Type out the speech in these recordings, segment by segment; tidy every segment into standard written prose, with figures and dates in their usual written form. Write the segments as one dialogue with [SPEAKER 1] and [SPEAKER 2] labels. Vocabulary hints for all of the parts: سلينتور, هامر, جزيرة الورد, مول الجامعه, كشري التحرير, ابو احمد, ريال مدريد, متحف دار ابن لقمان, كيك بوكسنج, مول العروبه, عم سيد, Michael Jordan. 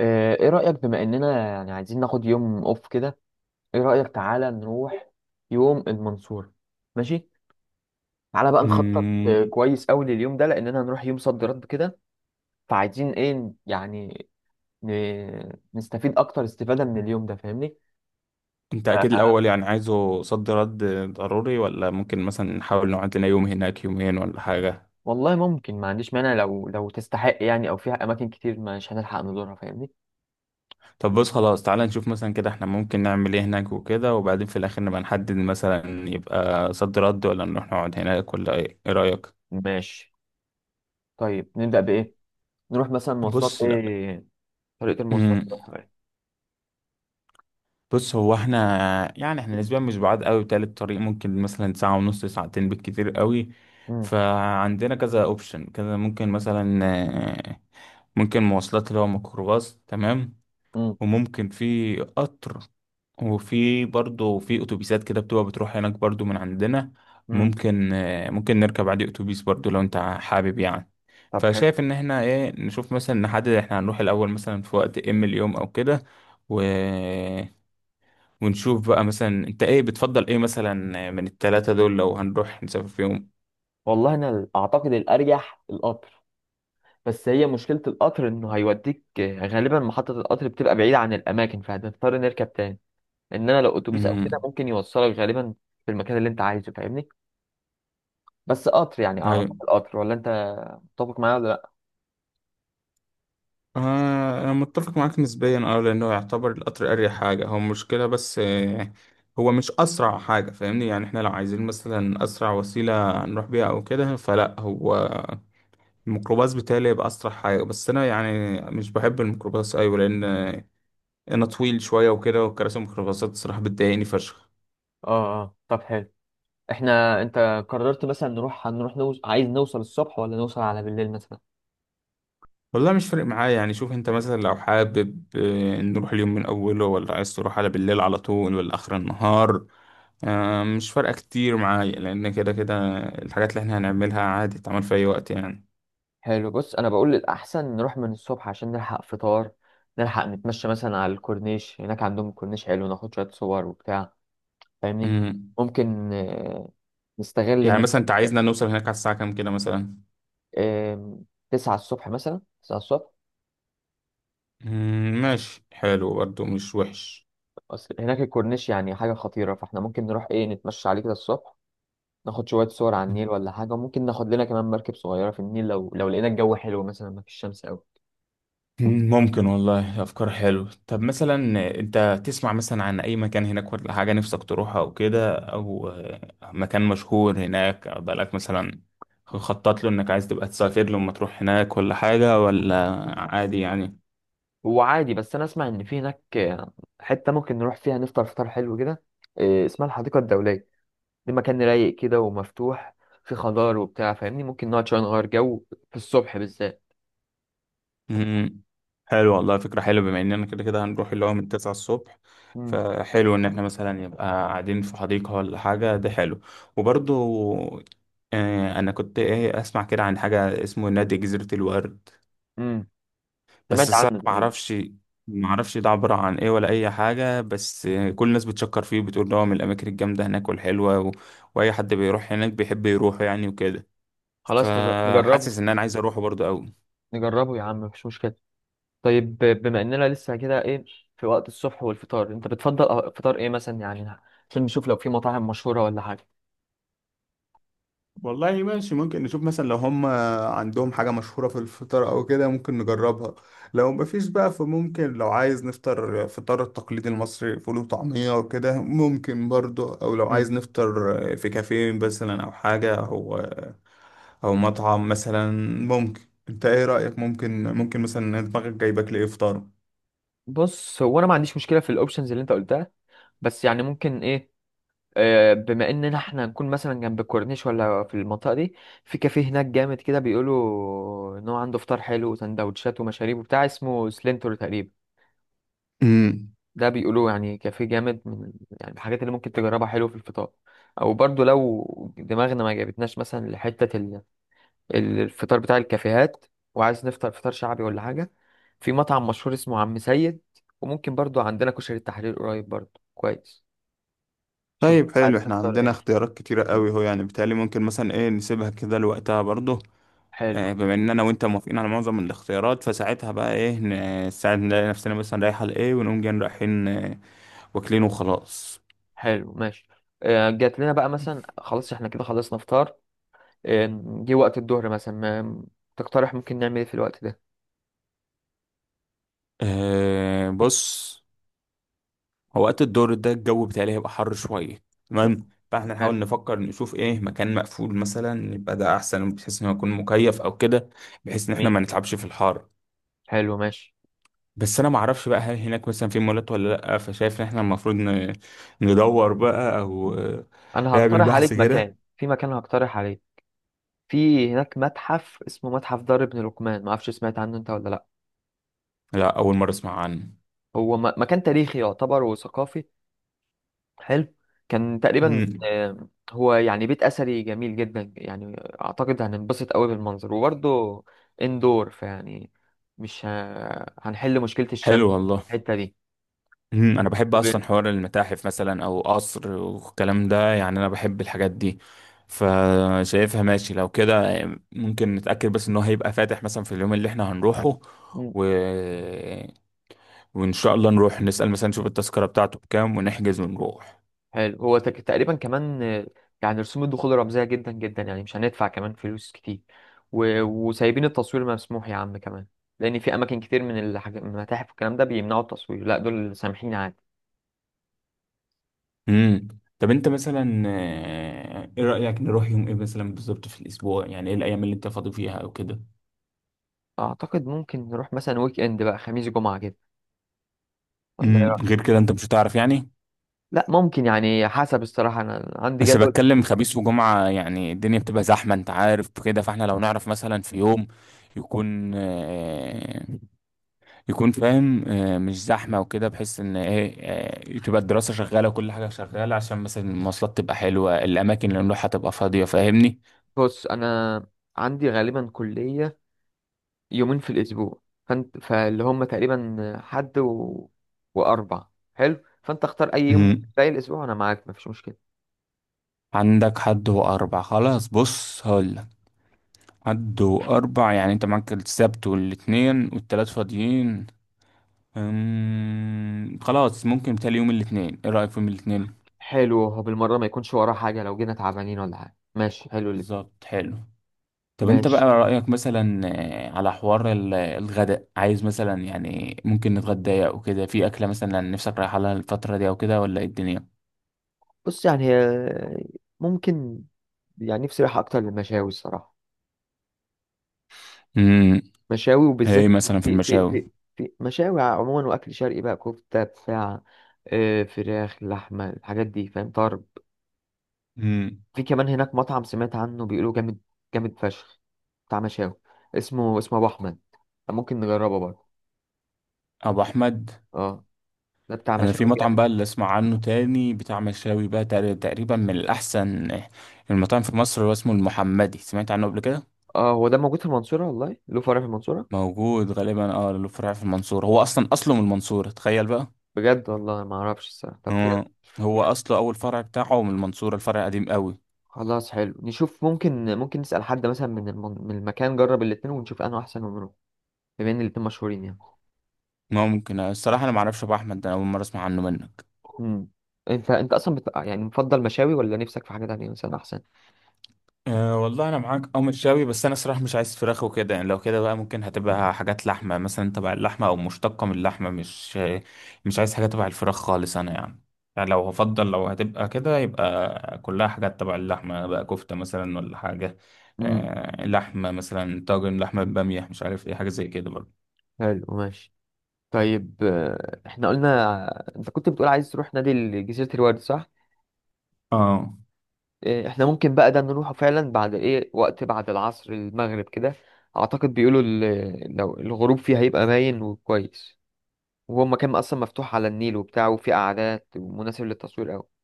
[SPEAKER 1] ايه رأيك بما اننا يعني عايزين ناخد يوم اوف كده. ايه رأيك تعالى نروح يوم المنصورة. ماشي. تعالى بقى نخطط
[SPEAKER 2] مم،
[SPEAKER 1] كويس قوي لليوم ده، لاننا هنروح يوم صد رد كده. فعايزين ايه يعني؟ نستفيد اكتر استفادة من اليوم ده، فاهمني.
[SPEAKER 2] انت اكيد
[SPEAKER 1] ف-
[SPEAKER 2] الاول يعني عايزه صد رد ضروري، ولا ممكن مثلا نحاول نقعد لنا يوم هناك، يومين ولا حاجة؟
[SPEAKER 1] والله ممكن، ما عنديش مانع، لو تستحق يعني، او فيها اماكن كتير مش هنلحق نزورها، فاهمني.
[SPEAKER 2] طب بص خلاص، تعالى نشوف مثلا كده احنا ممكن نعمل ايه هناك وكده، وبعدين في الاخر نبقى نحدد مثلا يبقى صد رد ولا نروح نقعد هناك ولا ايه رأيك؟
[SPEAKER 1] ماشي. طيب نبدأ بايه؟ نروح مثلا مواصلات
[SPEAKER 2] بص لا.
[SPEAKER 1] ايه؟ طريقة المواصلات
[SPEAKER 2] مم،
[SPEAKER 1] نروحها ايه؟
[SPEAKER 2] بص هو احنا، يعني احنا نسبيا مش بعاد قوي بتاع الطريق، ممكن مثلا ساعة ونص، ساعتين بالكتير قوي.
[SPEAKER 1] مم،
[SPEAKER 2] فعندنا كذا اوبشن، كذا ممكن مثلا آه، ممكن مواصلات اللي هو ميكروباص، تمام.
[SPEAKER 1] مم،
[SPEAKER 2] وممكن في قطر، وفي برضه في اتوبيسات كده بتبقى بتروح هناك برضه من عندنا.
[SPEAKER 1] مم.
[SPEAKER 2] ممكن ممكن نركب عادي اتوبيس برضه لو انت حابب يعني.
[SPEAKER 1] طب حلو.
[SPEAKER 2] فشايف ان احنا ايه، نشوف مثلا نحدد احنا هنروح الاول مثلا في وقت ام اليوم او كده، و... ونشوف بقى مثلا انت ايه بتفضل، ايه مثلا من التلاتة دول لو هنروح نسافر فيهم.
[SPEAKER 1] والله انا اعتقد الارجح القطر، بس هي مشكلة القطر انه هيوديك غالبا محطة القطر بتبقى بعيدة عن الاماكن، فهتضطر نركب تاني. انما لو اتوبيس او كده
[SPEAKER 2] امم
[SPEAKER 1] ممكن يوصلك غالبا في المكان اللي انت عايزه، فاهمني. بس قطر يعني، اعتقد القطر، ولا انت متفق معايا ولا لا؟
[SPEAKER 2] أنا متفق معاك نسبيا، أه لأنه يعتبر القطر أريح حاجة. هو مشكلة بس هو مش أسرع حاجة فاهمني. يعني إحنا لو عايزين مثلا أسرع وسيلة نروح بيها أو كده، فلا هو الميكروباص بتاعي يبقى أسرع حاجة. بس أنا يعني مش بحب الميكروباص أيوة، لأن أنا طويل شوية وكده، وكراسي الميكروباصات الصراحة بتضايقني فشخ.
[SPEAKER 1] اه، اه، طب حلو. احنا انت قررت مثلا نروح، هنروح عايز نوصل الصبح ولا نوصل على بالليل مثلا؟
[SPEAKER 2] والله مش فارق معايا يعني، شوف انت مثلا لو حابب نروح اليوم من اوله ولا عايز تروح على بالليل على طول ولا اخر النهار. مش فارقة كتير معايا، لان كده كده الحاجات اللي احنا هنعملها عادي تعمل في اي وقت يعني.
[SPEAKER 1] حلو، بص انا بقول الاحسن نروح من الصبح عشان نلحق فطار، نلحق نتمشى مثلا على الكورنيش. هناك عندهم كورنيش حلو، ناخد شوية صور وبتاع، فاهمني.
[SPEAKER 2] مم.
[SPEAKER 1] ممكن نستغل
[SPEAKER 2] يعني
[SPEAKER 1] ان
[SPEAKER 2] مثلا انت عايزنا نوصل هناك على الساعة كام كده مثلا؟
[SPEAKER 1] آه، 9 الصبح مثلا، 9 الصبح.
[SPEAKER 2] ماشي حلو برضه، مش وحش.
[SPEAKER 1] أصل هناك الكورنيش يعني حاجة خطيرة، فاحنا ممكن نروح ايه نتمشى عليه كده الصبح، ناخد شوية صور على النيل ولا حاجة، وممكن ناخد لنا كمان مركب صغيرة في النيل، لو لقينا الجو حلو مثلا، ما فيش شمس قوي.
[SPEAKER 2] ممكن والله، أفكار حلوة. طب مثلا أنت تسمع مثلا عن أي مكان هناك ولا حاجة نفسك تروحها أو كده، أو مكان مشهور هناك، أو بقالك مثلا خطط له إنك عايز تبقى تسافر له لما تروح هناك ولا حاجة، ولا عادي يعني؟
[SPEAKER 1] هو عادي، بس انا اسمع ان في هناك حتة ممكن نروح فيها نفطر فطار حلو كده، اسمها الحديقة الدولية. دي مكان رايق كده ومفتوح، في خضار وبتاع، فاهمني، ممكن نقعد شوية نغير جو في الصبح بالذات.
[SPEAKER 2] مم. حلو والله، فكرة حلوة. بما إننا كده كده هنروح اللي هو من 9 الصبح،
[SPEAKER 1] مم.
[SPEAKER 2] فحلو إن إحنا مثلا يبقى قاعدين في حديقة ولا حاجة، ده حلو. وبرضو أنا كنت إيه أسمع كده عن حاجة اسمه نادي جزيرة الورد.
[SPEAKER 1] مم.
[SPEAKER 2] بس
[SPEAKER 1] سمعت
[SPEAKER 2] الصراحة
[SPEAKER 1] عنه
[SPEAKER 2] ما
[SPEAKER 1] تقريبا.
[SPEAKER 2] اعرفش ما اعرفش ده عبارة عن ايه ولا اي حاجة، بس كل الناس بتشكر فيه وبتقول ده هو من الاماكن الجامدة هناك والحلوة واي حد بيروح هناك بيحب يروح يعني وكده.
[SPEAKER 1] خلاص نجربه.
[SPEAKER 2] فحاسس ان انا عايز اروحه برضه قوي.
[SPEAKER 1] نجربه يا عم، مفيش مشكلة. طيب بما اننا لسه كده ايه، في وقت الصبح والفطار، انت بتفضل فطار ايه مثلا يعني؟ عشان نشوف لو في مطاعم مشهورة ولا حاجة.
[SPEAKER 2] والله ماشي، ممكن نشوف مثلا لو هم عندهم حاجة مشهورة في الفطار أو كده ممكن نجربها. لو مفيش بقى، فممكن لو عايز نفطر فطار التقليدي المصري فول وطعمية وكده ممكن برضو، أو لو
[SPEAKER 1] مم.
[SPEAKER 2] عايز نفطر في كافيه مثلا أو حاجة، أو أو مطعم مثلا ممكن. أنت إيه رأيك، ممكن مثلا دماغك جايبك لإيه فطار؟
[SPEAKER 1] بص هو انا ما عنديش مشكلة في الاوبشنز اللي انت قلتها، بس يعني ممكن ايه، بما اننا احنا نكون مثلا جنب الكورنيش ولا في المنطقة دي، في كافيه هناك جامد كده، بيقولوا ان هو عنده فطار حلو وسندوتشات ومشاريب وبتاع، اسمه سلينتور تقريبا.
[SPEAKER 2] امم
[SPEAKER 1] ده بيقولوا يعني كافيه جامد، من يعني الحاجات اللي ممكن تجربها، حلو في الفطار. او برضو لو دماغنا ما جابتناش مثلا لحتة الفطار بتاع الكافيهات، وعايز نفطر فطار شعبي ولا حاجة، في مطعم مشهور اسمه عم سيد. وممكن برضو عندنا كشري التحرير قريب برضو كويس. شوف
[SPEAKER 2] طيب
[SPEAKER 1] عايز
[SPEAKER 2] حلو، احنا
[SPEAKER 1] تفطر
[SPEAKER 2] عندنا
[SPEAKER 1] ايه.
[SPEAKER 2] اختيارات كتيرة قوي، هو يعني بالتالي ممكن مثلا ايه نسيبها كده لوقتها برضه.
[SPEAKER 1] حلو.
[SPEAKER 2] بما ان انا وانت موافقين على معظم الاختيارات، فساعتها بقى ايه، ساعة نلاقي نفسنا مثلا رايحة لايه ونقوم جايين رايحين واكلين وخلاص.
[SPEAKER 1] حلو، ماشي. جات لنا بقى مثلا، خلاص احنا كده خلصنا فطار، آه، جه وقت الظهر مثلا. ما- تقترح ممكن نعمل ايه في الوقت ده؟
[SPEAKER 2] بص هو وقت الدور ده الجو بتاعي هيبقى حر شوية،
[SPEAKER 1] مم.
[SPEAKER 2] تمام، فاحنا نحاول
[SPEAKER 1] حلو.
[SPEAKER 2] نفكر نشوف ايه مكان مقفول مثلا يبقى ده احسن، بحيث انه يكون مكيف او كده، بحيث ان احنا
[SPEAKER 1] جميل.
[SPEAKER 2] ما نتعبش في الحر.
[SPEAKER 1] حلو ماشي.
[SPEAKER 2] بس انا ما اعرفش بقى هل هناك مثلا في مولات ولا لا، فشايف ان احنا المفروض ندور بقى او
[SPEAKER 1] انا
[SPEAKER 2] نعمل
[SPEAKER 1] هقترح
[SPEAKER 2] بحث
[SPEAKER 1] عليك
[SPEAKER 2] كده.
[SPEAKER 1] مكان، في مكان هقترح عليك. في هناك متحف اسمه متحف دار ابن لقمان، ما اعرفش سمعت عنه انت ولا لا.
[SPEAKER 2] لا، اول مرة اسمع عنه.
[SPEAKER 1] هو مكان تاريخي يعتبر وثقافي. حلو. كان تقريبا،
[SPEAKER 2] مم.
[SPEAKER 1] هو يعني بيت اثري جميل جدا يعني. اعتقد هننبسط قوي بالمنظر، وبرضه اندور فيعني مش هنحل مشكلة الشمس
[SPEAKER 2] حلو والله.
[SPEAKER 1] في الحتة
[SPEAKER 2] مم. انا بحب اصلا حوار المتاحف مثلا او قصر والكلام ده يعني، انا بحب الحاجات دي. فشايفها ماشي لو كده، ممكن نتأكد بس ان هو هيبقى فاتح مثلا في اليوم اللي احنا هنروحه،
[SPEAKER 1] دي.
[SPEAKER 2] و... وان شاء الله نروح نسأل مثلا، نشوف التذكرة بتاعته بكام ونحجز ونروح.
[SPEAKER 1] حلو، هو تقريبا كمان يعني رسوم الدخول رمزية جدا جدا يعني، مش هندفع كمان فلوس كتير، وسايبين التصوير مسموح يا عم كمان. لأن في أماكن كتير من من المتاحف والكلام ده بيمنعوا التصوير، لا دول سامحين عادي.
[SPEAKER 2] امم طب انت مثلا ايه رأيك نروح يوم ايه مثلا بالظبط في الاسبوع؟ يعني ايه الايام اللي انت فاضي فيها او كده؟
[SPEAKER 1] أعتقد ممكن نروح مثلا ويك إند بقى، خميس جمعة كده، ولا إيه رأيك؟
[SPEAKER 2] غير كده انت مش هتعرف يعني.
[SPEAKER 1] لا ممكن، يعني حسب، الصراحة أنا عندي
[SPEAKER 2] بس
[SPEAKER 1] جدول.
[SPEAKER 2] بتكلم خميس وجمعة يعني الدنيا بتبقى زحمة انت عارف كده، فاحنا لو نعرف مثلا في يوم يكون يكون فاهم مش زحمة وكده، بحيث ان ايه، تبقى الدراسة شغالة وكل حاجة شغالة، عشان مثلا المواصلات تبقى حلوة، الأماكن اللي نروحها تبقى فاضية فاهمني.
[SPEAKER 1] بص أنا عندي غالبا كلية يومين في الأسبوع، فانت، فاللي هم تقريبا حد وأربع. حلو، فأنت اختار أي يوم من
[SPEAKER 2] مم.
[SPEAKER 1] باقي الأسبوع وأنا معاك مفيش مشكلة.
[SPEAKER 2] عندك حد وأربع، خلاص بص هقولك، حد وأربع يعني انت معاك السبت والاتنين والتلات فاضيين. خلاص ممكن تالي يوم الاتنين، ايه رأيك في يوم الاتنين؟
[SPEAKER 1] حلو، هو بالمرة ما يكونش وراه حاجة لو جينا تعبانين ولا حاجة. ماشي، حلو اللي.
[SPEAKER 2] بالظبط حلو. طب انت بقى
[SPEAKER 1] ماشي.
[SPEAKER 2] رأيك مثلا على حوار الغداء عايز مثلا، يعني ممكن نتغدى او كده في اكلة مثلا نفسك رايحة لها الفترة دي او كده، ولا ايه الدنيا؟
[SPEAKER 1] بص يعني ممكن يعني نفسي رايحة أكتر للمشاوي الصراحة.
[SPEAKER 2] امم
[SPEAKER 1] مشاوي، وبالذات
[SPEAKER 2] ايه مثلا في
[SPEAKER 1] في في
[SPEAKER 2] المشاوي؟
[SPEAKER 1] في في مشاوي عموما، وأكل شرقي بقى، كفتة، بتاع، فراخ، لحمة، الحاجات دي، فاهم طرب.
[SPEAKER 2] امم
[SPEAKER 1] في كمان هناك مطعم سمعت عنه بيقولوا جامد، جامد فشخ، بتاع مشاوي، اسمه ابو احمد، ممكن نجربه برضه.
[SPEAKER 2] ابو احمد.
[SPEAKER 1] اه، ده بتاع
[SPEAKER 2] انا في
[SPEAKER 1] مشاوي
[SPEAKER 2] مطعم
[SPEAKER 1] جامد.
[SPEAKER 2] بقى اللي اسمع عنه تاني بتاع مشاوي بقى تقريبا من الاحسن المطاعم في مصر، هو اسمه المحمدي، سمعت عنه قبل كده؟
[SPEAKER 1] اه، هو ده موجود في المنصورة؟ والله له فرع في المنصورة؟
[SPEAKER 2] موجود غالبا، اه له فرع في المنصورة، هو اصلا اصله من المنصورة، تخيل بقى.
[SPEAKER 1] بجد؟ والله ما اعرفش الصراحة. طب بجد،
[SPEAKER 2] آه، هو
[SPEAKER 1] بجد؟
[SPEAKER 2] اصله اول فرع بتاعه من المنصورة، الفرع قديم قوي.
[SPEAKER 1] خلاص حلو، نشوف، ممكن نسأل حد مثلا من من المكان جرب الاتنين ونشوف انه احسن ونروح، بما ان الاتنين مشهورين يعني.
[SPEAKER 2] ممكن الصراحة انا معرفش ابو احمد ده، انا اول مرة اسمع عنه منك.
[SPEAKER 1] امم. انت اصلا يعني مفضل مشاوي ولا نفسك في حاجة تانية مثلا احسن؟
[SPEAKER 2] أه والله انا معاك او متشاوي، بس انا صراحة مش عايز فراخ وكده يعني. لو كده بقى ممكن هتبقى حاجات لحمة مثلا، تبع اللحمة او مشتقة من اللحمة، مش عايز حاجة تبع الفراخ خالص انا يعني. يعني لو هفضل لو هتبقى كده يبقى كلها حاجات تبع اللحمة بقى، كفتة مثلا ولا حاجة.
[SPEAKER 1] امم.
[SPEAKER 2] أه لحمة مثلا، طاجن لحمة بامية، مش عارف ايه، حاجة زي كده برضه.
[SPEAKER 1] حلو ماشي. طيب، احنا قلنا، انت كنت بتقول عايز تروح نادي جزيرة الورد، صح؟
[SPEAKER 2] اه.
[SPEAKER 1] احنا ممكن بقى ده نروحه فعلا بعد ايه وقت، بعد العصر، المغرب كده. اعتقد بيقولوا لو الغروب فيه هيبقى باين وكويس، وهو مكان اصلا مفتوح على النيل وبتاع، وفيه قعدات ومناسب للتصوير قوي.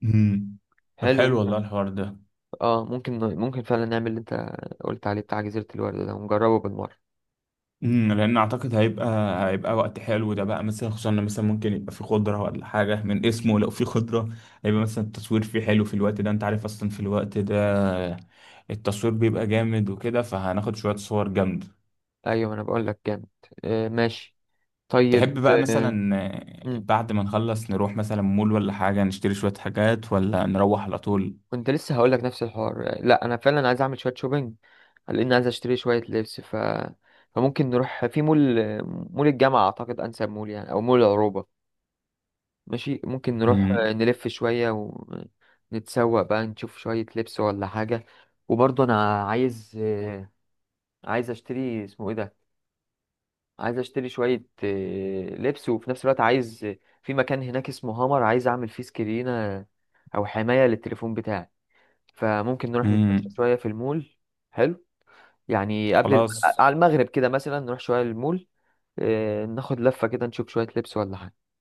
[SPEAKER 2] مم. طب
[SPEAKER 1] حلو
[SPEAKER 2] حلو
[SPEAKER 1] فعلا.
[SPEAKER 2] والله الحوار ده.
[SPEAKER 1] اه، ممكن فعلا نعمل اللي انت قلت عليه بتاع جزيرة الورد ده، ونجربه بالمرة.
[SPEAKER 2] لان اعتقد هيبقى وقت حلو ده بقى مثلا، خصوصا إن مثلا ممكن يبقى في خضره ولا حاجه من اسمه، لو في خضره هيبقى مثلا التصوير فيه حلو في الوقت ده، انت عارف اصلا في الوقت ده التصوير بيبقى جامد وكده، فهناخد شويه صور جامده.
[SPEAKER 1] ايوه انا بقول لك جامد. ماشي. طيب.
[SPEAKER 2] تحب بقى
[SPEAKER 1] آه،
[SPEAKER 2] مثلا
[SPEAKER 1] مم.
[SPEAKER 2] بعد ما نخلص نروح مثلا مول ولا حاجه نشتري شويه حاجات، ولا نروح على طول؟
[SPEAKER 1] كنت لسه هقول لك نفس الحوار، لا انا فعلا عايز اعمل شويه شوبينج، لان عايز اشتري شويه لبس، فممكن نروح في مول. مول الجامعه اعتقد انسب مول يعني، او مول العروبه. ماشي، ممكن نروح
[SPEAKER 2] امم
[SPEAKER 1] نلف شويه ونتسوق بقى، نشوف شويه لبس ولا حاجه. وبرضه انا عايز اشتري، اسمه ايه ده، عايز اشتري شويه لبس، وفي نفس الوقت عايز، في مكان هناك اسمه هامر، عايز اعمل فيه سكرينه او حمايه للتليفون بتاعي، فممكن نروح نتمشى
[SPEAKER 2] امم
[SPEAKER 1] شوية في المول. حلو. يعني قبل
[SPEAKER 2] خلاص.
[SPEAKER 1] على المغرب كده مثلا نروح شوية المول. ناخد لفة كده، نشوف شوية لبس ولا حاجة.